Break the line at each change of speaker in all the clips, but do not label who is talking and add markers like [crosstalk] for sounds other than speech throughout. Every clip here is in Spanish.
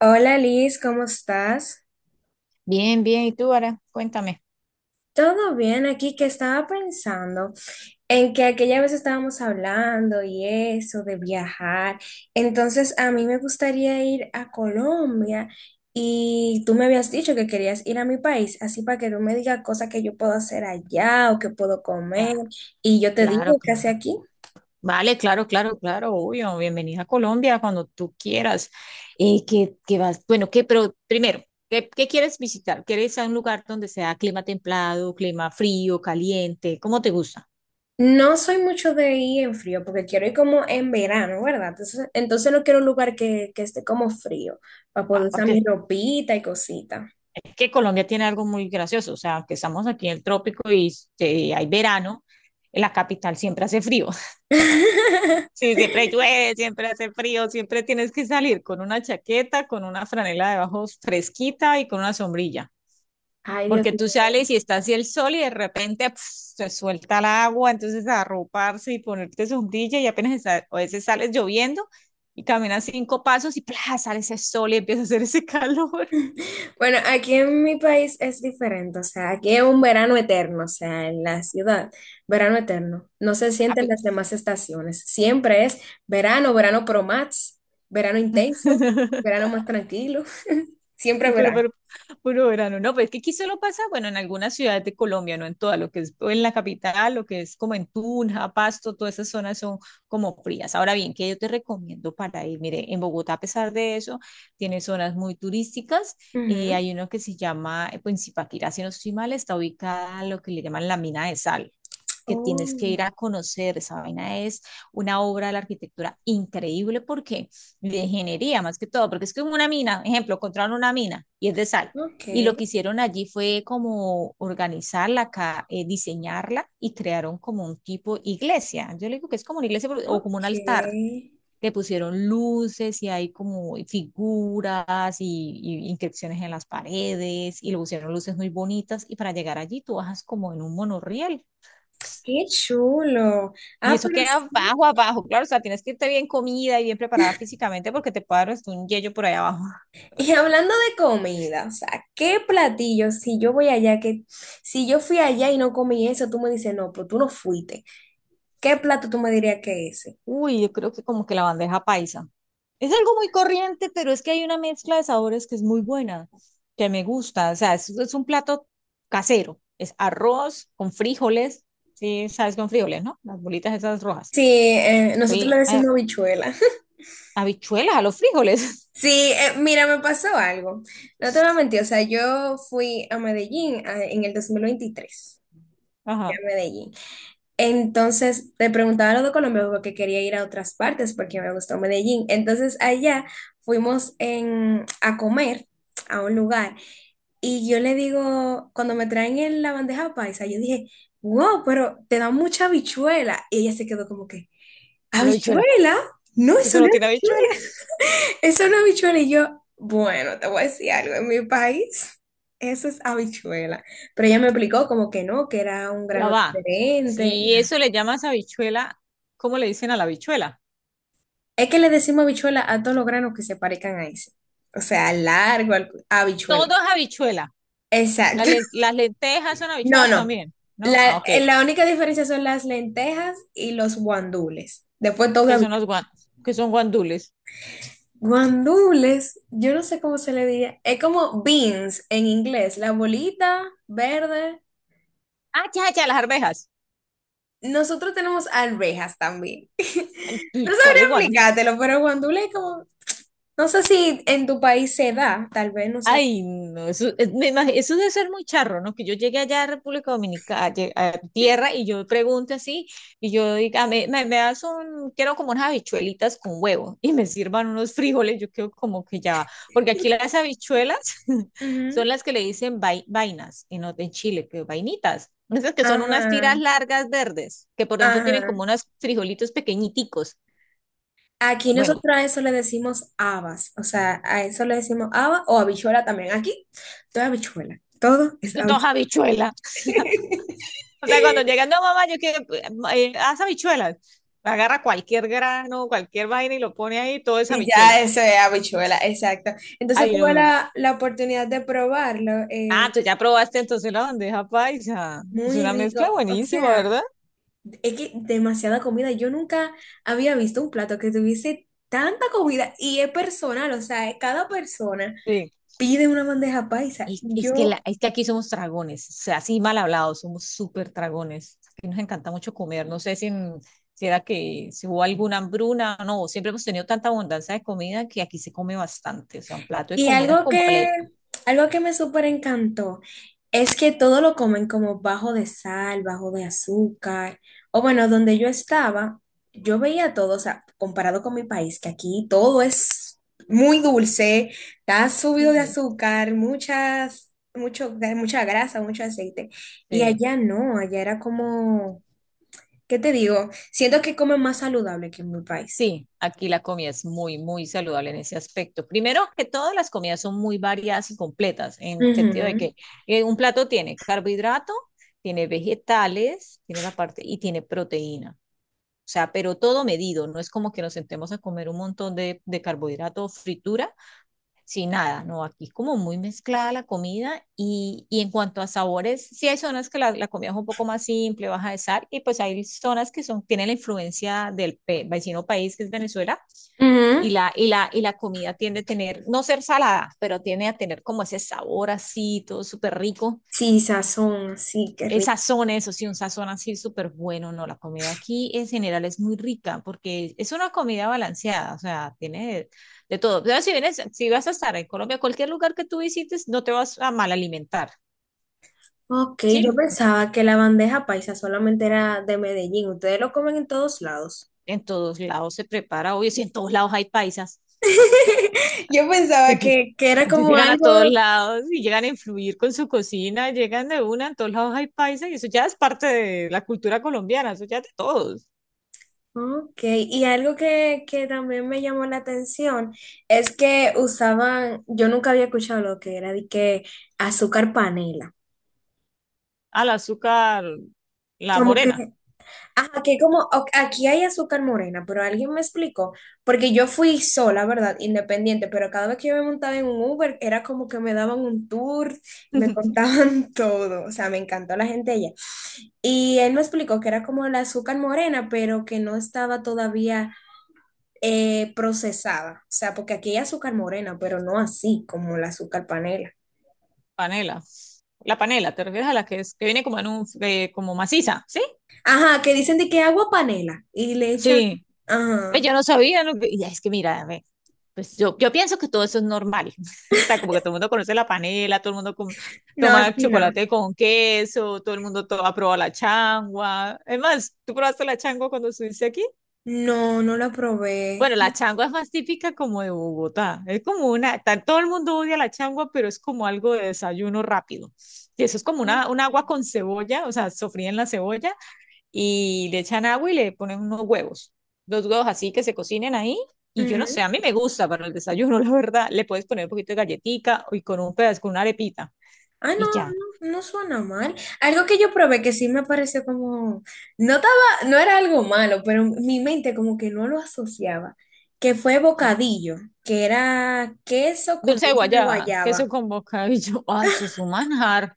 Hola Liz, ¿cómo estás?
Bien, bien. ¿Y tú, Ara? Cuéntame.
Todo bien, aquí que estaba pensando en que aquella vez estábamos hablando y eso de viajar. Entonces a mí me gustaría ir a Colombia y tú me habías dicho que querías ir a mi país, así para que tú me digas cosas que yo puedo hacer allá o que puedo comer
Ah,
y yo te
claro,
digo qué hace
claro.
aquí.
Vale, claro, claro, claro, obvio. Bienvenida a Colombia cuando tú quieras. ¿Qué vas? Bueno, ¿qué? Pero primero, ¿qué quieres visitar? ¿Quieres a un lugar donde sea clima templado, clima frío, caliente? ¿Cómo te gusta?
No soy mucho de ir en frío, porque quiero ir como en verano, ¿verdad? Entonces no quiero un lugar que esté como frío, para poder
Ah,
usar
porque
mi ropita y cosita.
es que Colombia tiene algo muy gracioso. O sea, aunque estamos aquí en el trópico y hay verano, en la capital siempre hace frío.
[laughs]
Sí, siempre llueve, siempre hace frío, siempre tienes que salir con una chaqueta, con una franela debajo fresquita y con una sombrilla,
Ay, Dios
porque
mío.
tú sales y está así el sol y de repente pf, se suelta el agua, entonces arroparse y ponerte sombrilla y apenas a veces sales lloviendo y caminas cinco pasos y plas sale ese sol y empieza a hacer ese calor. [laughs]
Bueno, aquí en mi país es diferente, o sea, aquí es un verano eterno, o sea, en la ciudad, verano eterno. No se
Ah,
sienten las
pues.
demás estaciones, siempre es verano, verano pro max, verano intenso,
[laughs]
verano más tranquilo, [laughs] siempre
[laughs] Pero,
verano.
pero, puro verano, no, pues es que aquí solo pasa, bueno, en algunas ciudades de Colombia, no en toda, lo que es o en la capital, lo que es como en Tunja, Pasto, todas esas zonas son como frías. Ahora bien, ¿qué yo te recomiendo para ir? Mire, en Bogotá, a pesar de eso, tiene zonas muy turísticas.
Ujú.
Hay uno que se llama, pues en Zipaquirá, si no estoy mal, está ubicada lo que le llaman la mina de sal que
Oh,
tienes que ir a conocer. Esa vaina es una obra de la arquitectura increíble porque de ingeniería más que todo, porque es que una mina, ejemplo, encontraron una mina y es de sal.
ok.
Y lo que hicieron allí fue como organizarla, diseñarla y crearon como un tipo iglesia. Yo le digo que es como una iglesia o como
Ok,
un altar. Le pusieron luces y hay como figuras y inscripciones en las paredes y le pusieron luces muy bonitas. Y para llegar allí tú bajas como en un monorriel.
qué chulo.
Y
Ah,
eso
pero
queda
sí.
abajo, abajo. Claro, o sea, tienes que irte bien comida y bien preparada físicamente porque te puede dar hasta un yello por ahí abajo.
Y hablando de comida, o sea, ¿qué platillo? Si yo voy allá, que si yo fui allá y no comí eso, tú me dices, no, pero tú no fuiste. ¿Qué plato tú me dirías que es ese?
Uy, yo creo que como que la bandeja paisa. Es algo muy corriente, pero es que hay una mezcla de sabores que es muy buena, que me gusta. O sea, es un plato casero. Es arroz con frijoles. Sí, sabes, con frijoles, ¿no? Las bolitas esas rojas.
Sí, nosotros
Fui
le
a,
decimos habichuela. [laughs]
habichuelas a los frijoles.
Sí, mira, me pasó algo. No te voy a mentir, o sea, yo fui a Medellín en el 2023,
[laughs]
fui
Ajá,
a Medellín. Entonces, te preguntaba lo de Colombia porque quería ir a otras partes porque me gustó Medellín. Entonces, allá a comer a un lugar y yo le digo, cuando me traen en la bandeja paisa, yo dije, wow, pero te da mucha habichuela. Y ella se quedó como que,
con la habichuela.
¿habichuela? No,
Si
eso
eso
no
no
es
tiene
habichuela.
habichuelas.
[laughs] Eso no es habichuela. Y yo, bueno, te voy a decir algo, en mi país eso es habichuela. Pero ella me explicó como que no, que era un
Ya
grano
va.
diferente.
Si eso le llamas habichuela, ¿cómo le dicen a la habichuela?
Es que le decimos habichuela a todos los granos que se parezcan a ese. O sea, al largo, habichuela.
Todo es habichuela.
Exacto. [laughs]
Las lentejas son
No,
habichuelas
no.
también, ¿no? Ah, ok.
La única diferencia son las lentejas y los guandules. Después todo
Que son los
habichuela.
que son guandules.
Guandules, yo no sé cómo se le diría. Es como beans en inglés, la bolita verde.
Ah, ya, ya, las arvejas.
Nosotros tenemos arvejas también. [laughs]
Ay,
No
¿cuál
sabría
es guandule? [laughs]
explicártelo, pero guandules es como, no sé si en tu país se da, tal vez, no sé.
Ay, no, eso, eso debe ser muy charro, ¿no? Que yo llegué allá a República Dominicana, a tierra, y yo pregunto así, y yo diga: "Ah, me das un, quiero como unas habichuelitas con huevo", y me sirvan unos frijoles, yo quedo como que ya, va. Porque aquí las habichuelas [laughs] son
Ujú.
las que le dicen vainas, y no, en Chile, que vainitas. Esas que son unas tiras
Ajá.
largas verdes, que por dentro tienen
Ajá.
como unos frijolitos pequeñiticos.
Aquí
Bueno,
nosotros a eso le decimos habas, o sea, a eso le decimos haba o habichuela también. Aquí todo es habichuela, todo es
dos
habichuela.
habichuelas. O sea, cuando
[laughs]
llegan, no, mamá, yo quiero, haz habichuelas. Agarra cualquier grano, cualquier vaina y lo pone ahí, todo es
Y
habichuela.
ya eso es habichuela, exacto. Entonces
Ay,
tuve
no.
la oportunidad de probarlo,
Ah, tú ya probaste entonces la bandeja paisa. Es
muy
una mezcla
rico, o
buenísima,
sea,
¿verdad?
es que demasiada comida. Yo nunca había visto un plato que tuviese tanta comida y es personal, o sea, cada persona
Sí.
pide una bandeja paisa. Yo
Es que aquí somos dragones, o sea, así mal hablados, somos súper dragones. Aquí nos encanta mucho comer. No sé si era que si hubo alguna hambruna, no, siempre hemos tenido tanta abundancia de comida que aquí se come bastante, o sea, un plato de
y
comida completo.
algo que me súper encantó es que todo lo comen como bajo de sal, bajo de azúcar. O bueno, donde yo estaba, yo veía todo, o sea, comparado con mi país, que aquí todo es muy dulce, está subido de
Sí,
azúcar, muchas, mucho, mucha grasa, mucho aceite. Y
sí.
allá no, allá era como, ¿qué te digo? Siento que comen más saludable que en mi país.
Sí, aquí la comida es muy, muy saludable en ese aspecto. Primero que todas las comidas son muy variadas y completas, en el sentido de
Ujú.
que un plato tiene carbohidrato, tiene vegetales, tiene la parte y tiene proteína. O sea, pero todo medido, no es como que nos sentemos a comer un montón de carbohidrato o fritura sin nada, no, aquí es como muy mezclada la comida y en cuanto a sabores, sí hay zonas que la comida es un poco más simple, baja de sal y pues hay zonas que son, tienen la influencia del vecino país que es Venezuela,
Ujú.
y la comida tiende a tener, no ser salada, pero tiende a tener como ese sabor así, todo súper rico.
Sí, sazón, sí, qué
El sazón, eso sí, un sazón así súper bueno, ¿no? La comida aquí en general es muy rica porque es una comida balanceada, o sea, tiene de todo. Pero si vienes, si vas a estar en Colombia, cualquier lugar que tú visites, no te vas a mal alimentar,
ok,
¿sí?
yo pensaba que la bandeja paisa solamente era de Medellín. Ustedes lo comen en todos lados.
En todos lados se prepara, obvio, si en todos lados hay paisas.
[laughs] Yo pensaba
Ellos,
que era
Ellos
como
llegan a
algo,
todos lados y llegan a influir con su cocina, llegan de una, en todos lados hay paisa y eso ya es parte de la cultura colombiana, eso ya es de todos.
ok, y algo que también me llamó la atención es que usaban, yo nunca había escuchado lo que era de que azúcar panela.
Al azúcar, la
Como que
morena,
ajá, aquí hay azúcar morena, pero alguien me explicó, porque yo fui sola, ¿verdad? Independiente, pero cada vez que yo me montaba en un Uber era como que me daban un tour, me
[laughs]
contaban [laughs] todo, o sea, me encantó la gente allá. Y él me explicó que era como el azúcar morena, pero que no estaba todavía procesada, o sea, porque aquí hay azúcar morena, pero no así como el azúcar panela.
panela. La panela, ¿te refieres a la que es que viene como en un como maciza? ¿Sí?
Ajá, que dicen de que agua panela y le echan,
Sí. Ve,
ajá,
yo no sabía, y es que mira, ve, yo pienso que todo eso es normal. [laughs] O sea, como que todo el mundo conoce la panela, todo el mundo
no,
toma
aquí no.
chocolate con queso, todo el mundo ha probado la changua. Es más, ¿tú probaste la changua cuando estuviste aquí?
No, no la probé.
Bueno, la changua es más típica como de Bogotá. Es como todo el mundo odia la changua, pero es como algo de desayuno rápido. Y eso es como
Ujú.
una, un agua con cebolla, o sea, sofría en la cebolla y le echan agua y le ponen unos huevos. Dos huevos así que se cocinen ahí. Y yo no sé, a mí me gusta para el desayuno, [laughs] la verdad. Le puedes poner un poquito de galletica y con un pedazo, con una arepita.
Ah, no,
Y ya.
no, no suena mal. Algo que yo probé que sí me pareció como, no estaba, no era algo malo, pero mi mente como que no lo asociaba, que fue
¿Qué?
bocadillo, que era queso con
Dulce de
dulce de
guayaba, queso
guayaba.
con bocadillo. [laughs] Ay, eso es un manjar.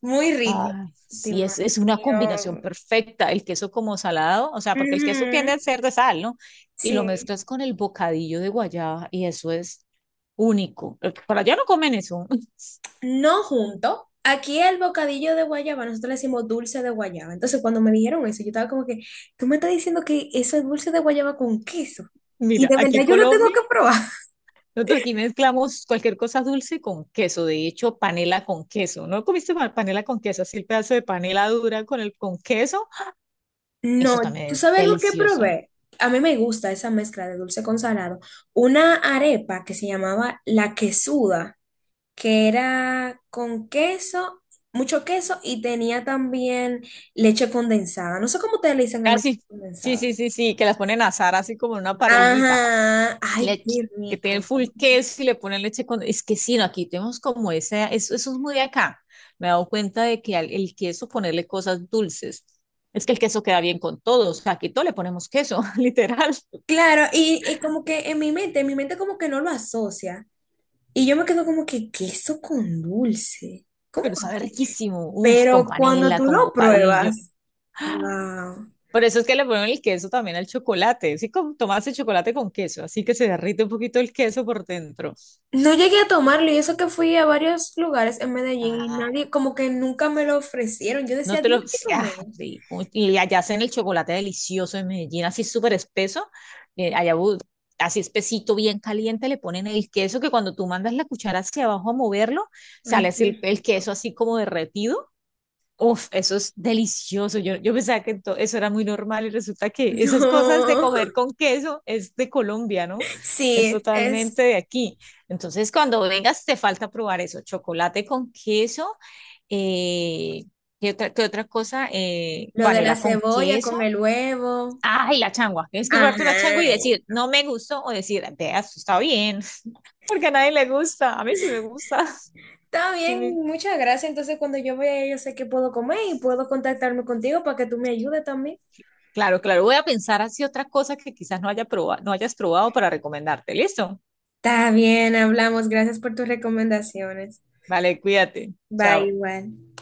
Muy rico.
Ay, sí, es una combinación
Demasiado.
perfecta. El queso como salado, o sea, porque el queso
Ujú.
tiende a ser de sal, ¿no? Y lo
Sí.
mezclas con el bocadillo de guayaba y eso es único. Para allá no comen eso. [laughs]
No junto. Aquí el bocadillo de guayaba, nosotros le decimos dulce de guayaba. Entonces, cuando me dijeron eso, yo estaba como que, tú me estás diciendo que eso es dulce de guayaba con queso. Y
Mira,
de
aquí en
verdad yo lo tengo
Colombia.
que probar. [laughs]
Nosotros aquí mezclamos cualquier cosa dulce con queso, de hecho, panela con queso. ¿No comiste panela con queso? Así el pedazo de panela dura con el con queso.
No,
Eso
¿tú
también es
sabes lo que
delicioso.
probé? A mí me gusta esa mezcla de dulce con salado. Una arepa que se llamaba la quesuda, que era con queso, mucho queso y tenía también leche condensada. No sé cómo ustedes le dicen a la
Ah,
leche
sí, sí,
condensada.
sí, sí, sí, que las ponen a asar así como en una parrillita.
Ajá, ay,
Le-
qué
que tienen
rico.
full queso y le ponen leche con... Es que sí, no, aquí tenemos como ese, eso es muy de acá. Me he dado cuenta de que al, el queso ponerle cosas dulces. Es que el queso queda bien con todo, o sea, aquí todo le ponemos queso, [laughs] literal.
Claro, y como que en mi mente como que no lo asocia. Y yo me quedo como que queso con dulce. ¿Cómo
Pero sabe
así?
riquísimo, uf, con
Pero cuando
panela,
tú
con
lo
bocadillo.
pruebas, wow.
Por eso es que le ponen el queso también al chocolate, sí, como tomas el chocolate con queso, así que se derrite un poquito el queso por dentro.
No llegué a tomarlo y eso que fui a varios lugares en Medellín y
Ay,
nadie, como que nunca me lo ofrecieron. Yo
no
decía,
te
dime
lo,
qué
sí, ah,
comer.
rico. Y allá hacen el chocolate delicioso en Medellín, así súper espeso, eh, allá bu- así espesito, bien caliente, le ponen el queso que cuando tú mandas la cuchara hacia abajo a moverlo,
Ay,
sale así
qué
el
rico.
queso así
[laughs]
como derretido. Uf, eso es delicioso. Yo pensaba que eso era muy normal y resulta que esas cosas de
No.
comer con queso es de Colombia, ¿no? Es
Sí, es
totalmente de aquí. Entonces, cuando vengas, te falta probar eso, chocolate con queso. Eh, ¿qué otra cosa?
lo de la
Panela con
cebolla
queso.
con el huevo.
Ay, la changua. Tienes que probarte una changua y
Ajá,
decir, no me gustó, o decir, vea, esto está bien, [laughs] porque a nadie le gusta. A mí sí me gusta.
está bien,
[laughs]
muchas gracias. Entonces, cuando yo vea, yo sé que puedo comer y puedo contactarme contigo para que tú me ayudes también.
Claro, claro. Voy a pensar así otra cosa que quizás no no hayas probado para recomendarte. ¿Listo?
Está bien, hablamos. Gracias por tus recomendaciones.
Vale, cuídate.
Bye,
Chao.
igual.